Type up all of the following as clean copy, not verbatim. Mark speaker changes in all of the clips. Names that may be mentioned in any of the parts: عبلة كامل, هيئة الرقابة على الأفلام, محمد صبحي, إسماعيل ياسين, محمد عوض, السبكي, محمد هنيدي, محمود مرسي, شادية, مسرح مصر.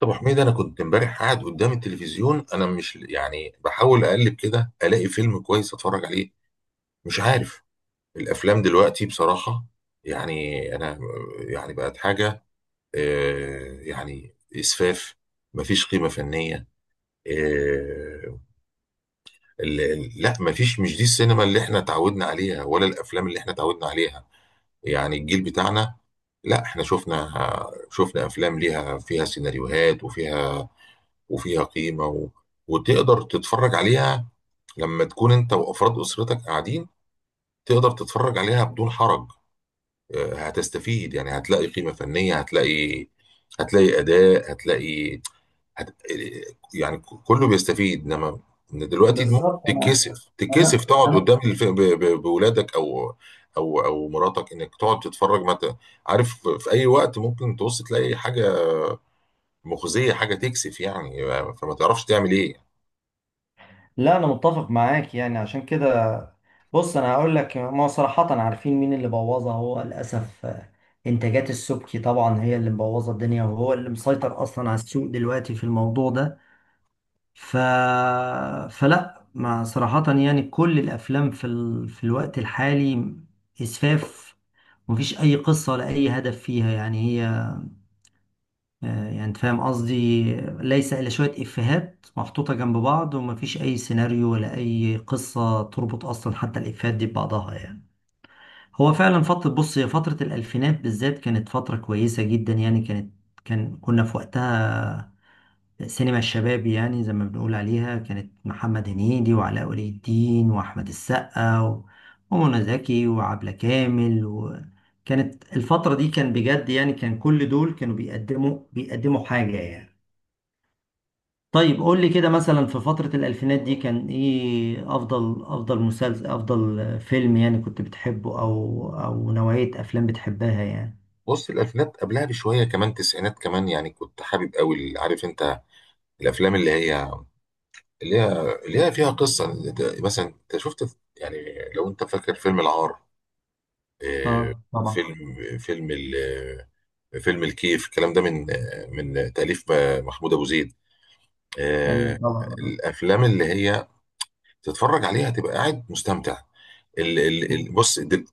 Speaker 1: طب يا حميد، انا كنت امبارح قاعد قدام التلفزيون. انا مش بحاول اقلب كده الاقي فيلم كويس اتفرج عليه. مش عارف الافلام دلوقتي بصراحة، يعني انا يعني بقت حاجة، آه، يعني اسفاف. مفيش قيمة فنية. آه، لا، مفيش. مش دي السينما اللي احنا اتعودنا عليها، ولا الافلام اللي احنا اتعودنا عليها. يعني الجيل بتاعنا، لا احنا شفنا. شفنا افلام ليها، فيها سيناريوهات، وفيها قيمة وتقدر تتفرج عليها لما تكون انت وافراد اسرتك قاعدين. تقدر تتفرج عليها بدون حرج. آه، هتستفيد، يعني هتلاقي قيمة فنية، هتلاقي، هتلاقي اداء، هتلاقي، هت... آه، يعني كله بيستفيد. انما إن دلوقتي ممكن
Speaker 2: بالظبط.
Speaker 1: تتكسف تقعد
Speaker 2: انا
Speaker 1: قدام بولادك او مراتك، انك تقعد تتفرج. ما ت... عارف، في اي وقت ممكن تبص تلاقي حاجة مخزية، حاجة تكسف. يعني آه، فما تعرفش تعمل ايه.
Speaker 2: لا، انا متفق معاك، يعني عشان كده. بص، انا هقول لك، ما صراحة، عارفين مين اللي بوظها؟ هو للاسف، انتاجات السبكي طبعا هي اللي مبوظه الدنيا، وهو اللي مسيطر اصلا على السوق دلوقتي في الموضوع ده. ف فلا ما صراحة، يعني كل الافلام في الوقت الحالي اسفاف. مفيش اي قصة ولا اي هدف فيها، يعني هي، يعني انت فاهم قصدي. ليس الا شويه افيهات محطوطه جنب بعض، ومفيش اي سيناريو ولا اي قصه تربط اصلا حتى الافيهات دي ببعضها يعني. هو فعلا فتره، بص، هي فتره الالفينات بالذات كانت فتره كويسه جدا، يعني كانت، كنا في وقتها سينما الشباب، يعني زي ما بنقول عليها، كانت محمد هنيدي وعلاء ولي الدين واحمد السقا ومنى زكي وعبلة كامل. وكانت الفتره دي كان بجد، يعني كان كل دول كانوا بيقدموا حاجه يعني. طيب قول لي كده مثلا، في فترة الألفينات دي كان إيه أفضل مسلسل، أفضل فيلم يعني كنت بتحبه؟ أو نوعية أفلام بتحبها يعني؟
Speaker 1: بص، الالفينات قبلها بشويه كمان، تسعينات كمان، يعني كنت حابب قوي عارف انت الافلام اللي هي، اللي هي اللي هي فيها قصه. مثلا انت شفت يعني لو انت فاكر فيلم العار، آه،
Speaker 2: آه طبعا.
Speaker 1: فيلم فيلم ال- فيلم الكيف، الكلام ده من من تاليف محمود ابو زيد،
Speaker 2: أيوه
Speaker 1: آه.
Speaker 2: طبعا، آه.
Speaker 1: الافلام اللي هي تتفرج عليها تبقى قاعد مستمتع. بص،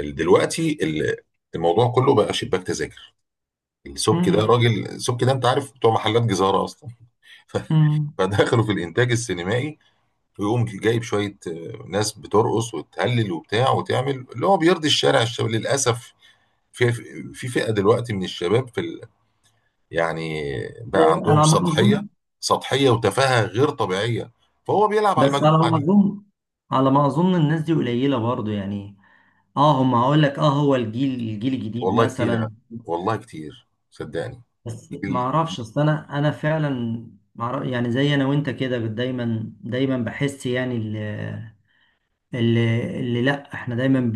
Speaker 1: دلوقتي الموضوع كله بقى شباك تذاكر. السبكي ده
Speaker 2: مم.
Speaker 1: راجل، السبكي ده انت عارف، بتوع محلات جزارة اصلا. ف-
Speaker 2: مم.
Speaker 1: فدخلوا في الانتاج السينمائي، ويقوم جايب شوية، آه، ناس بترقص وتهلل وبتاع، وتعمل اللي هو بيرضي الشارع، الشباب للأسف. في في فئة دلوقتي من الشباب في ال... يعني بقى
Speaker 2: إيه، أنا
Speaker 1: عندهم
Speaker 2: على ما
Speaker 1: سطحية.
Speaker 2: أظن،
Speaker 1: سطحية وتفاهة غير طبيعية، فهو بيلعب على
Speaker 2: بس على ما
Speaker 1: المجموعة دي.
Speaker 2: أظن على ما أظن الناس دي قليلة برضو يعني. آه هم، هقول لك، آه، هو الجيل الجديد
Speaker 1: والله كتير يعني،
Speaker 2: مثلا.
Speaker 1: والله كتير صدقني.
Speaker 2: بس ما
Speaker 1: جيل-
Speaker 2: أعرفش أصل، أنا فعلا، يعني زي أنا وأنت كده، دايما بحس يعني، اللي لا، احنا دايما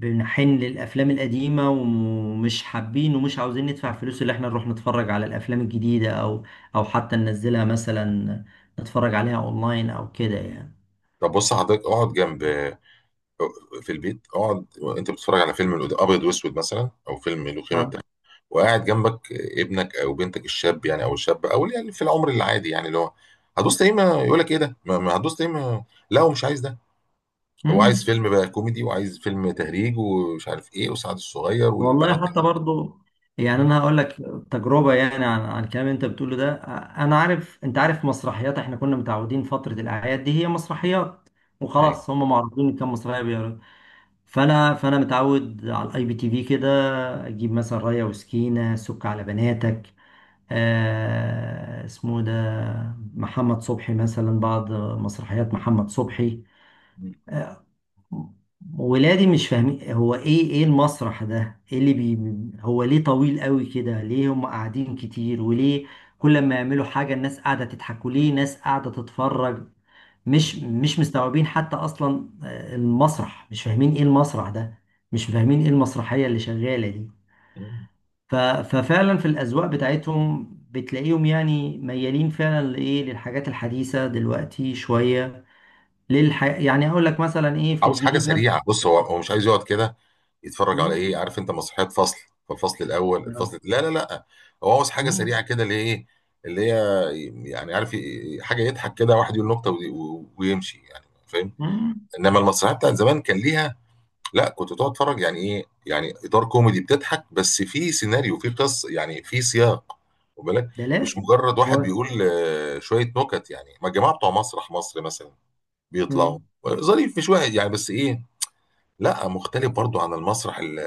Speaker 2: بنحن للافلام القديمه، ومش حابين ومش عاوزين ندفع فلوس اللي احنا نروح نتفرج على الافلام الجديده، او حتى ننزلها مثلا، نتفرج عليها اونلاين او كده يعني.
Speaker 1: طب بص حضرتك، اقعد جنب، في البيت اقعد، انت بتتفرج على فيلم ابيض واسود مثلا، او فيلم له قيمه
Speaker 2: اه.
Speaker 1: بتاع وقاعد جنبك ابنك او بنتك الشاب، يعني او الشاب او اللي يعني في العمر العادي، يعني اللي هو هتدوس تقييمه، يقول لك ايه ده؟ ما ما هتدوس تقييمه. لا، هو مش عايز ده. هو عايز
Speaker 2: امم.
Speaker 1: فيلم بقى كوميدي، وعايز فيلم تهريج ومش عارف ايه، وسعد الصغير والبنات
Speaker 2: والله حتى برضو، يعني
Speaker 1: م.
Speaker 2: انا هقول لك تجربه، يعني عن الكلام اللي انت بتقوله ده. انا عارف، انت عارف مسرحيات، احنا كنا متعودين فتره الاعياد دي هي مسرحيات
Speaker 1: ايوه.
Speaker 2: وخلاص، هم معروضين كام مسرحيه. فانا متعود على الاي بي تي في كده، اجيب مثلا رايه وسكينه، سك على بناتك، آه اسمه ده، محمد صبحي، مثلا بعض مسرحيات محمد صبحي.
Speaker 1: م.
Speaker 2: آه، ولادي مش فاهمين هو ايه، المسرح ده، ايه اللي بي هو ليه طويل قوي كده؟ ليه هم قاعدين كتير؟ وليه كل ما يعملوا حاجه الناس قاعده تضحك؟ وليه ناس قاعده تتفرج؟ مش مستوعبين حتى اصلا، المسرح، مش فاهمين ايه المسرح ده، مش فاهمين ايه المسرحية اللي شغالة دي.
Speaker 1: م.
Speaker 2: ففعلا في الاذواق بتاعتهم بتلاقيهم يعني ميالين فعلا لايه، للحاجات الحديثة دلوقتي شوية. يعني اقول لك مثلا ايه في
Speaker 1: عاوز حاجه
Speaker 2: الجديد
Speaker 1: سريعه.
Speaker 2: مثلا؟
Speaker 1: بص، هو هو مش عايز يقعد كده يتفرج على
Speaker 2: مم.
Speaker 1: ايه، عارف انت، مسرحيات فصل، فالفصل الاول
Speaker 2: آه.
Speaker 1: الفصل، لا لا لا، هو عاوز حاجه سريعه
Speaker 2: مم.
Speaker 1: كده، اللي هي ايه، اللي هي، يعني عارف حاجه يضحك كده، واحد يقول نكته ويمشي، يعني فاهم.
Speaker 2: مم.
Speaker 1: انما المسرحيات بتاعت زمان كان ليها، لا كنت تقعد تتفرج. يعني ايه يعني؟ اطار كوميدي بتضحك، بس في سيناريو، في قصه، يعني في سياق، واخد بالك،
Speaker 2: ده
Speaker 1: مش
Speaker 2: لازم.
Speaker 1: مجرد واحد
Speaker 2: هو-
Speaker 1: بيقول، آه، شويه نكت. يعني ما الجماعه بتوع مسرح مصر مثلا بيطلعوا
Speaker 2: مم.
Speaker 1: ظريف مش واحد يعني، بس ايه، لا مختلف برضو عن المسرح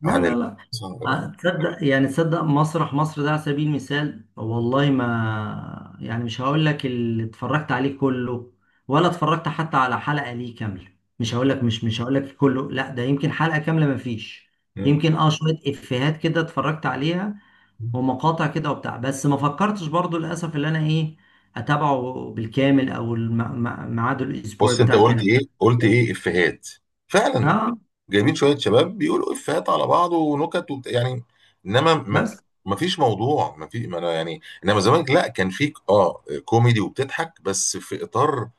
Speaker 2: لا
Speaker 1: عن
Speaker 2: لا لا. آه، تصدق يعني؟ تصدق مسرح مصر ده على سبيل المثال، والله ما، يعني، مش هقول لك اللي اتفرجت عليه كله، ولا اتفرجت حتى على حلقة ليه كاملة. مش هقول لك، مش هقول لك كله، لا، ده يمكن حلقة كاملة ما فيش.
Speaker 1: مم.
Speaker 2: يمكن اه شوية افيهات كده اتفرجت عليها، ومقاطع كده وبتاع، بس ما فكرتش برضو للأسف اللي انا ايه، اتابعه بالكامل، او ميعاده الاسبوعي
Speaker 1: بص، انت
Speaker 2: بتاع
Speaker 1: قلت
Speaker 2: كان
Speaker 1: ايه؟ قلت ايه؟ افيهات، فعلا.
Speaker 2: اه.
Speaker 1: جايبين شويه شباب بيقولوا افيهات على بعض ونكت يعني انما
Speaker 2: بس.
Speaker 1: ما فيش موضوع. ما في ما انا يعني انما زمان لا، كان فيك اه كوميدي وبتضحك، بس في اطار،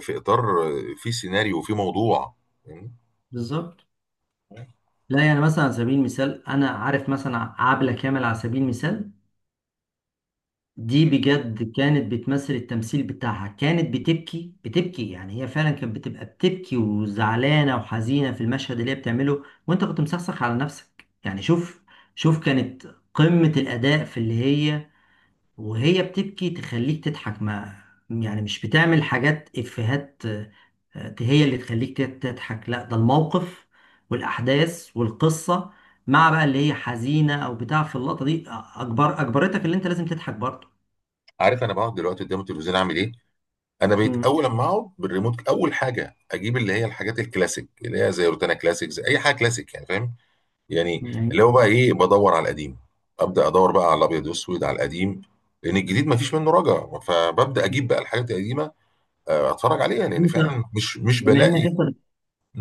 Speaker 1: في اطار، في سيناريو، وفي موضوع. مم.
Speaker 2: بالظبط. لا يعني مثلا، على سبيل المثال انا عارف مثلا، عبلة كامل على سبيل المثال دي، بجد كانت بتمثل، التمثيل بتاعها كانت بتبكي، يعني هي فعلا كانت بتبقى بتبكي وزعلانة وحزينة في المشهد اللي هي بتعمله، وانت كنت مسخسخ على نفسك يعني. شوف كانت قمة الأداء في اللي هي وهي بتبكي تخليك تضحك، ما، يعني مش بتعمل حاجات إفيهات، هي اللي تخليك تضحك، لا ده الموقف والأحداث والقصة مع بقى اللي هي حزينة أو بتاع في اللقطة دي، أجبرتك اللي أنت لازم تضحك برضه.
Speaker 1: عارف انا بقعد دلوقتي قدام التلفزيون اعمل ايه؟ انا بقيت
Speaker 2: مم.
Speaker 1: اول لما اقعد بالريموت، اول حاجه اجيب اللي هي الحاجات الكلاسيك، اللي هي زي روتانا كلاسيك، زي اي حاجه كلاسيك، يعني فاهم يعني،
Speaker 2: يعني
Speaker 1: اللي هو بقى ايه، بدور على القديم، ابدا ادور بقى على الابيض والاسود على القديم. لان الجديد ما فيش منه رجا، فببدا اجيب بقى الحاجات القديمه، آه، اتفرج عليها، لان
Speaker 2: أنت،
Speaker 1: فعلا مش، مش
Speaker 2: بما إنك
Speaker 1: بلاقي.
Speaker 2: أنت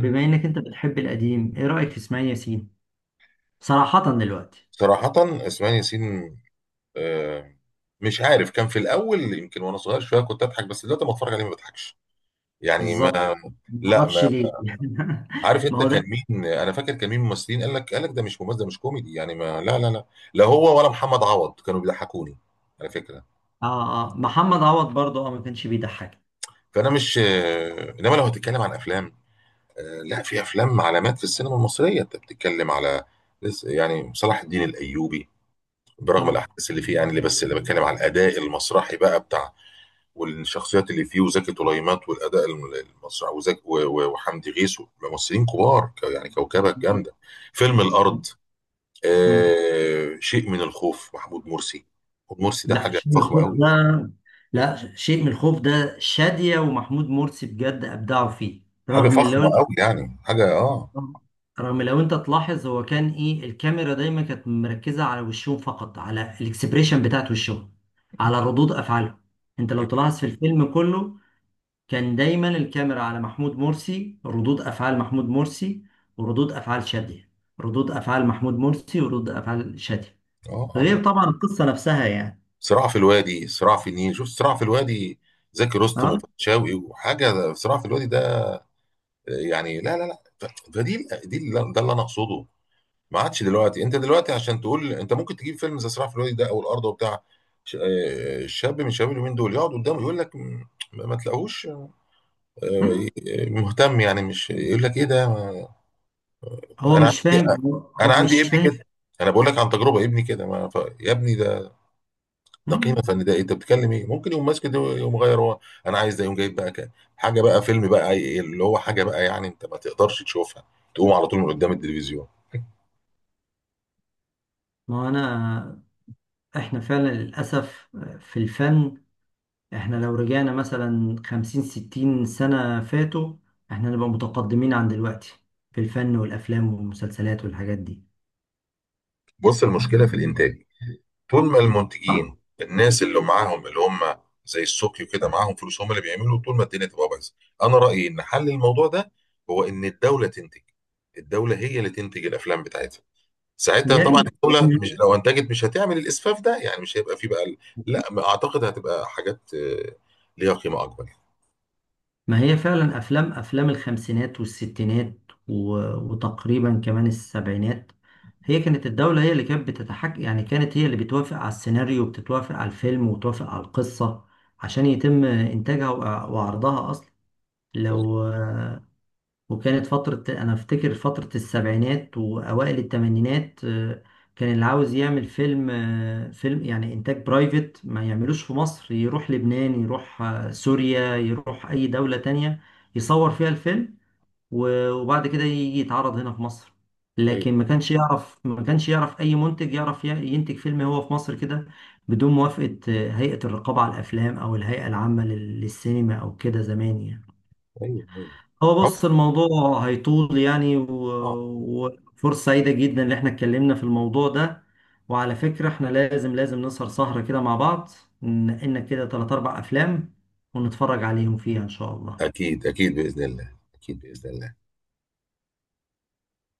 Speaker 2: بما إنك أنت بتحب القديم، إيه رأيك في إسماعيل ياسين؟ صراحة دلوقتي.
Speaker 1: صراحه اسماعيل ياسين، آه، مش عارف، كان في الاول يمكن وانا صغير شويه كنت اضحك، بس دلوقتي ما اتفرج عليه ما بضحكش. يعني ما
Speaker 2: بالظبط. ما
Speaker 1: لا
Speaker 2: اعرفش
Speaker 1: ما
Speaker 2: ليه
Speaker 1: عارف
Speaker 2: ما
Speaker 1: انت
Speaker 2: هو
Speaker 1: كان
Speaker 2: ده.
Speaker 1: مين؟ انا فاكر كان مين ممثلين قال لك، قال لك ده مش ممثل، ده مش كوميدي يعني، ما لا لا لا. لا هو ولا محمد عوض كانوا بيضحكوني، على فكره.
Speaker 2: اه اه، محمد عوض برضه اه، ما كانش بيضحك.
Speaker 1: فانا مش، آه، انما لو هتتكلم عن افلام، آه، لا في افلام علامات في السينما المصريه. انت بتتكلم على يعني صلاح الدين الايوبي، برغم
Speaker 2: اه.
Speaker 1: الاحداث اللي فيه، يعني اللي بس اللي بتكلم على الاداء المسرحي بقى بتاع، والشخصيات اللي فيه، وزكي طليمات، والاداء المسرحي، وزكي وحمدي غيث، ممثلين كبار، يعني كوكبه جامده. فيلم الارض،
Speaker 2: مم.
Speaker 1: آه، شيء من الخوف، محمود مرسي. محمود مرسي ده
Speaker 2: لا
Speaker 1: حاجه
Speaker 2: شيء من
Speaker 1: فخمه
Speaker 2: الخوف
Speaker 1: قوي.
Speaker 2: ده، لا شيء من الخوف ده شادية ومحمود مرسي بجد أبدعوا فيه.
Speaker 1: حاجه
Speaker 2: رغم
Speaker 1: فخمه
Speaker 2: لو
Speaker 1: قوي، يعني حاجه اه
Speaker 2: رغم لو أنت تلاحظ، هو كان إيه؟ الكاميرا دايما كانت مركزة على وشهم فقط، على الإكسبريشن بتاعت وشهم، على ردود أفعالهم. أنت لو تلاحظ في الفيلم كله، كان دايما الكاميرا على محمود مرسي، ردود أفعال محمود مرسي وردود أفعال شادية، ردود أفعال محمود مرسي وردود أفعال شادية.
Speaker 1: اه اه.
Speaker 2: غير طبعا القصة نفسها يعني.
Speaker 1: صراع في الوادي، صراع في النيل، شوف صراع في الوادي، زكي رستم وفتشاوي وحاجه. صراع في الوادي ده، آه، يعني لا لا لا، فدي، دي ده اللي انا اقصده. ما عادش دلوقتي، انت دلوقتي عشان تقول انت ممكن تجيب فيلم زي صراع في الوادي ده او الارض وبتاع، شاب من شباب اليومين دول يقعد قدامه، يقول لك ما تلاقوش، آه،
Speaker 2: أه.
Speaker 1: مهتم. يعني مش يقول لك ايه ده؟ انا
Speaker 2: هو مش
Speaker 1: عندي،
Speaker 2: فاهم، هو
Speaker 1: انا عندي
Speaker 2: مش
Speaker 1: ابني
Speaker 2: فاهم.
Speaker 1: كده. انا بقول لك عن تجربه، ابني كده ما ف... يا ابني، ده ده قيمه
Speaker 2: مم.
Speaker 1: فن، ده انت بتتكلم ايه؟ ممكن يقوم ماسك ده يقوم غير هو. انا عايز ده، يقوم جايب بقى حاجه بقى، فيلم بقى، أي- إيه، اللي هو حاجه بقى، يعني انت ما تقدرش تشوفها تقوم على طول من قدام التلفزيون.
Speaker 2: ما هو انا، احنا فعلا للاسف في الفن، احنا لو رجعنا مثلا 50 60 سنة فاتوا، احنا نبقى متقدمين عن دلوقتي في الفن والافلام والمسلسلات والحاجات دي.
Speaker 1: بص، المشكله في الانتاج. طول ما
Speaker 2: آه،
Speaker 1: المنتجين الناس اللي معاهم اللي هم زي السوقي كده معاهم فلوس، هم اللي بيعملوا، طول ما الدنيا تبقى بايظه. انا رايي ان حل الموضوع ده هو ان الدوله تنتج. الدوله هي اللي تنتج الافلام بتاعتها. ساعتها
Speaker 2: يا
Speaker 1: طبعا
Speaker 2: ريت.
Speaker 1: الدوله مش لو انتجت، مش هتعمل الاسفاف ده، يعني مش هيبقى فيه بقى لا، ما اعتقد، هتبقى حاجات، آه، ليها قيمه اكبر يعني.
Speaker 2: ما هي فعلا افلام، الخمسينات والستينات وتقريبا كمان السبعينات، هي كانت الدولة هي اللي كانت بتتحكم، يعني كانت هي اللي بتوافق على السيناريو، وبتتوافق على الفيلم وتوافق على القصة عشان يتم انتاجها وعرضها اصلا. لو، وكانت فترة، أنا أفتكر فترة السبعينات وأوائل التمانينات، كان اللي عاوز يعمل فيلم، فيلم يعني إنتاج برايفت، ما يعملوش في مصر، يروح لبنان، يروح سوريا، يروح أي دولة تانية يصور فيها الفيلم، وبعد كده يجي يتعرض هنا في مصر.
Speaker 1: ايوه،
Speaker 2: لكن ما كانش يعرف، أي منتج يعرف ينتج فيلم هو في مصر كده بدون موافقة هيئة الرقابة على الأفلام، أو الهيئة العامة للسينما أو كده زمان يعني.
Speaker 1: ايوه، ايوه،
Speaker 2: هو
Speaker 1: آه،
Speaker 2: بص الموضوع هيطول يعني،
Speaker 1: آه،
Speaker 2: وفرصة سعيدة جدا ان احنا اتكلمنا في الموضوع ده. وعلى فكرة، احنا لازم نسهر سهرة كده مع بعض، ننقلنا كده 3 4 أفلام ونتفرج عليهم فيها ان شاء الله.
Speaker 1: اكيد، اكيد باذن الله، اكيد باذن الله.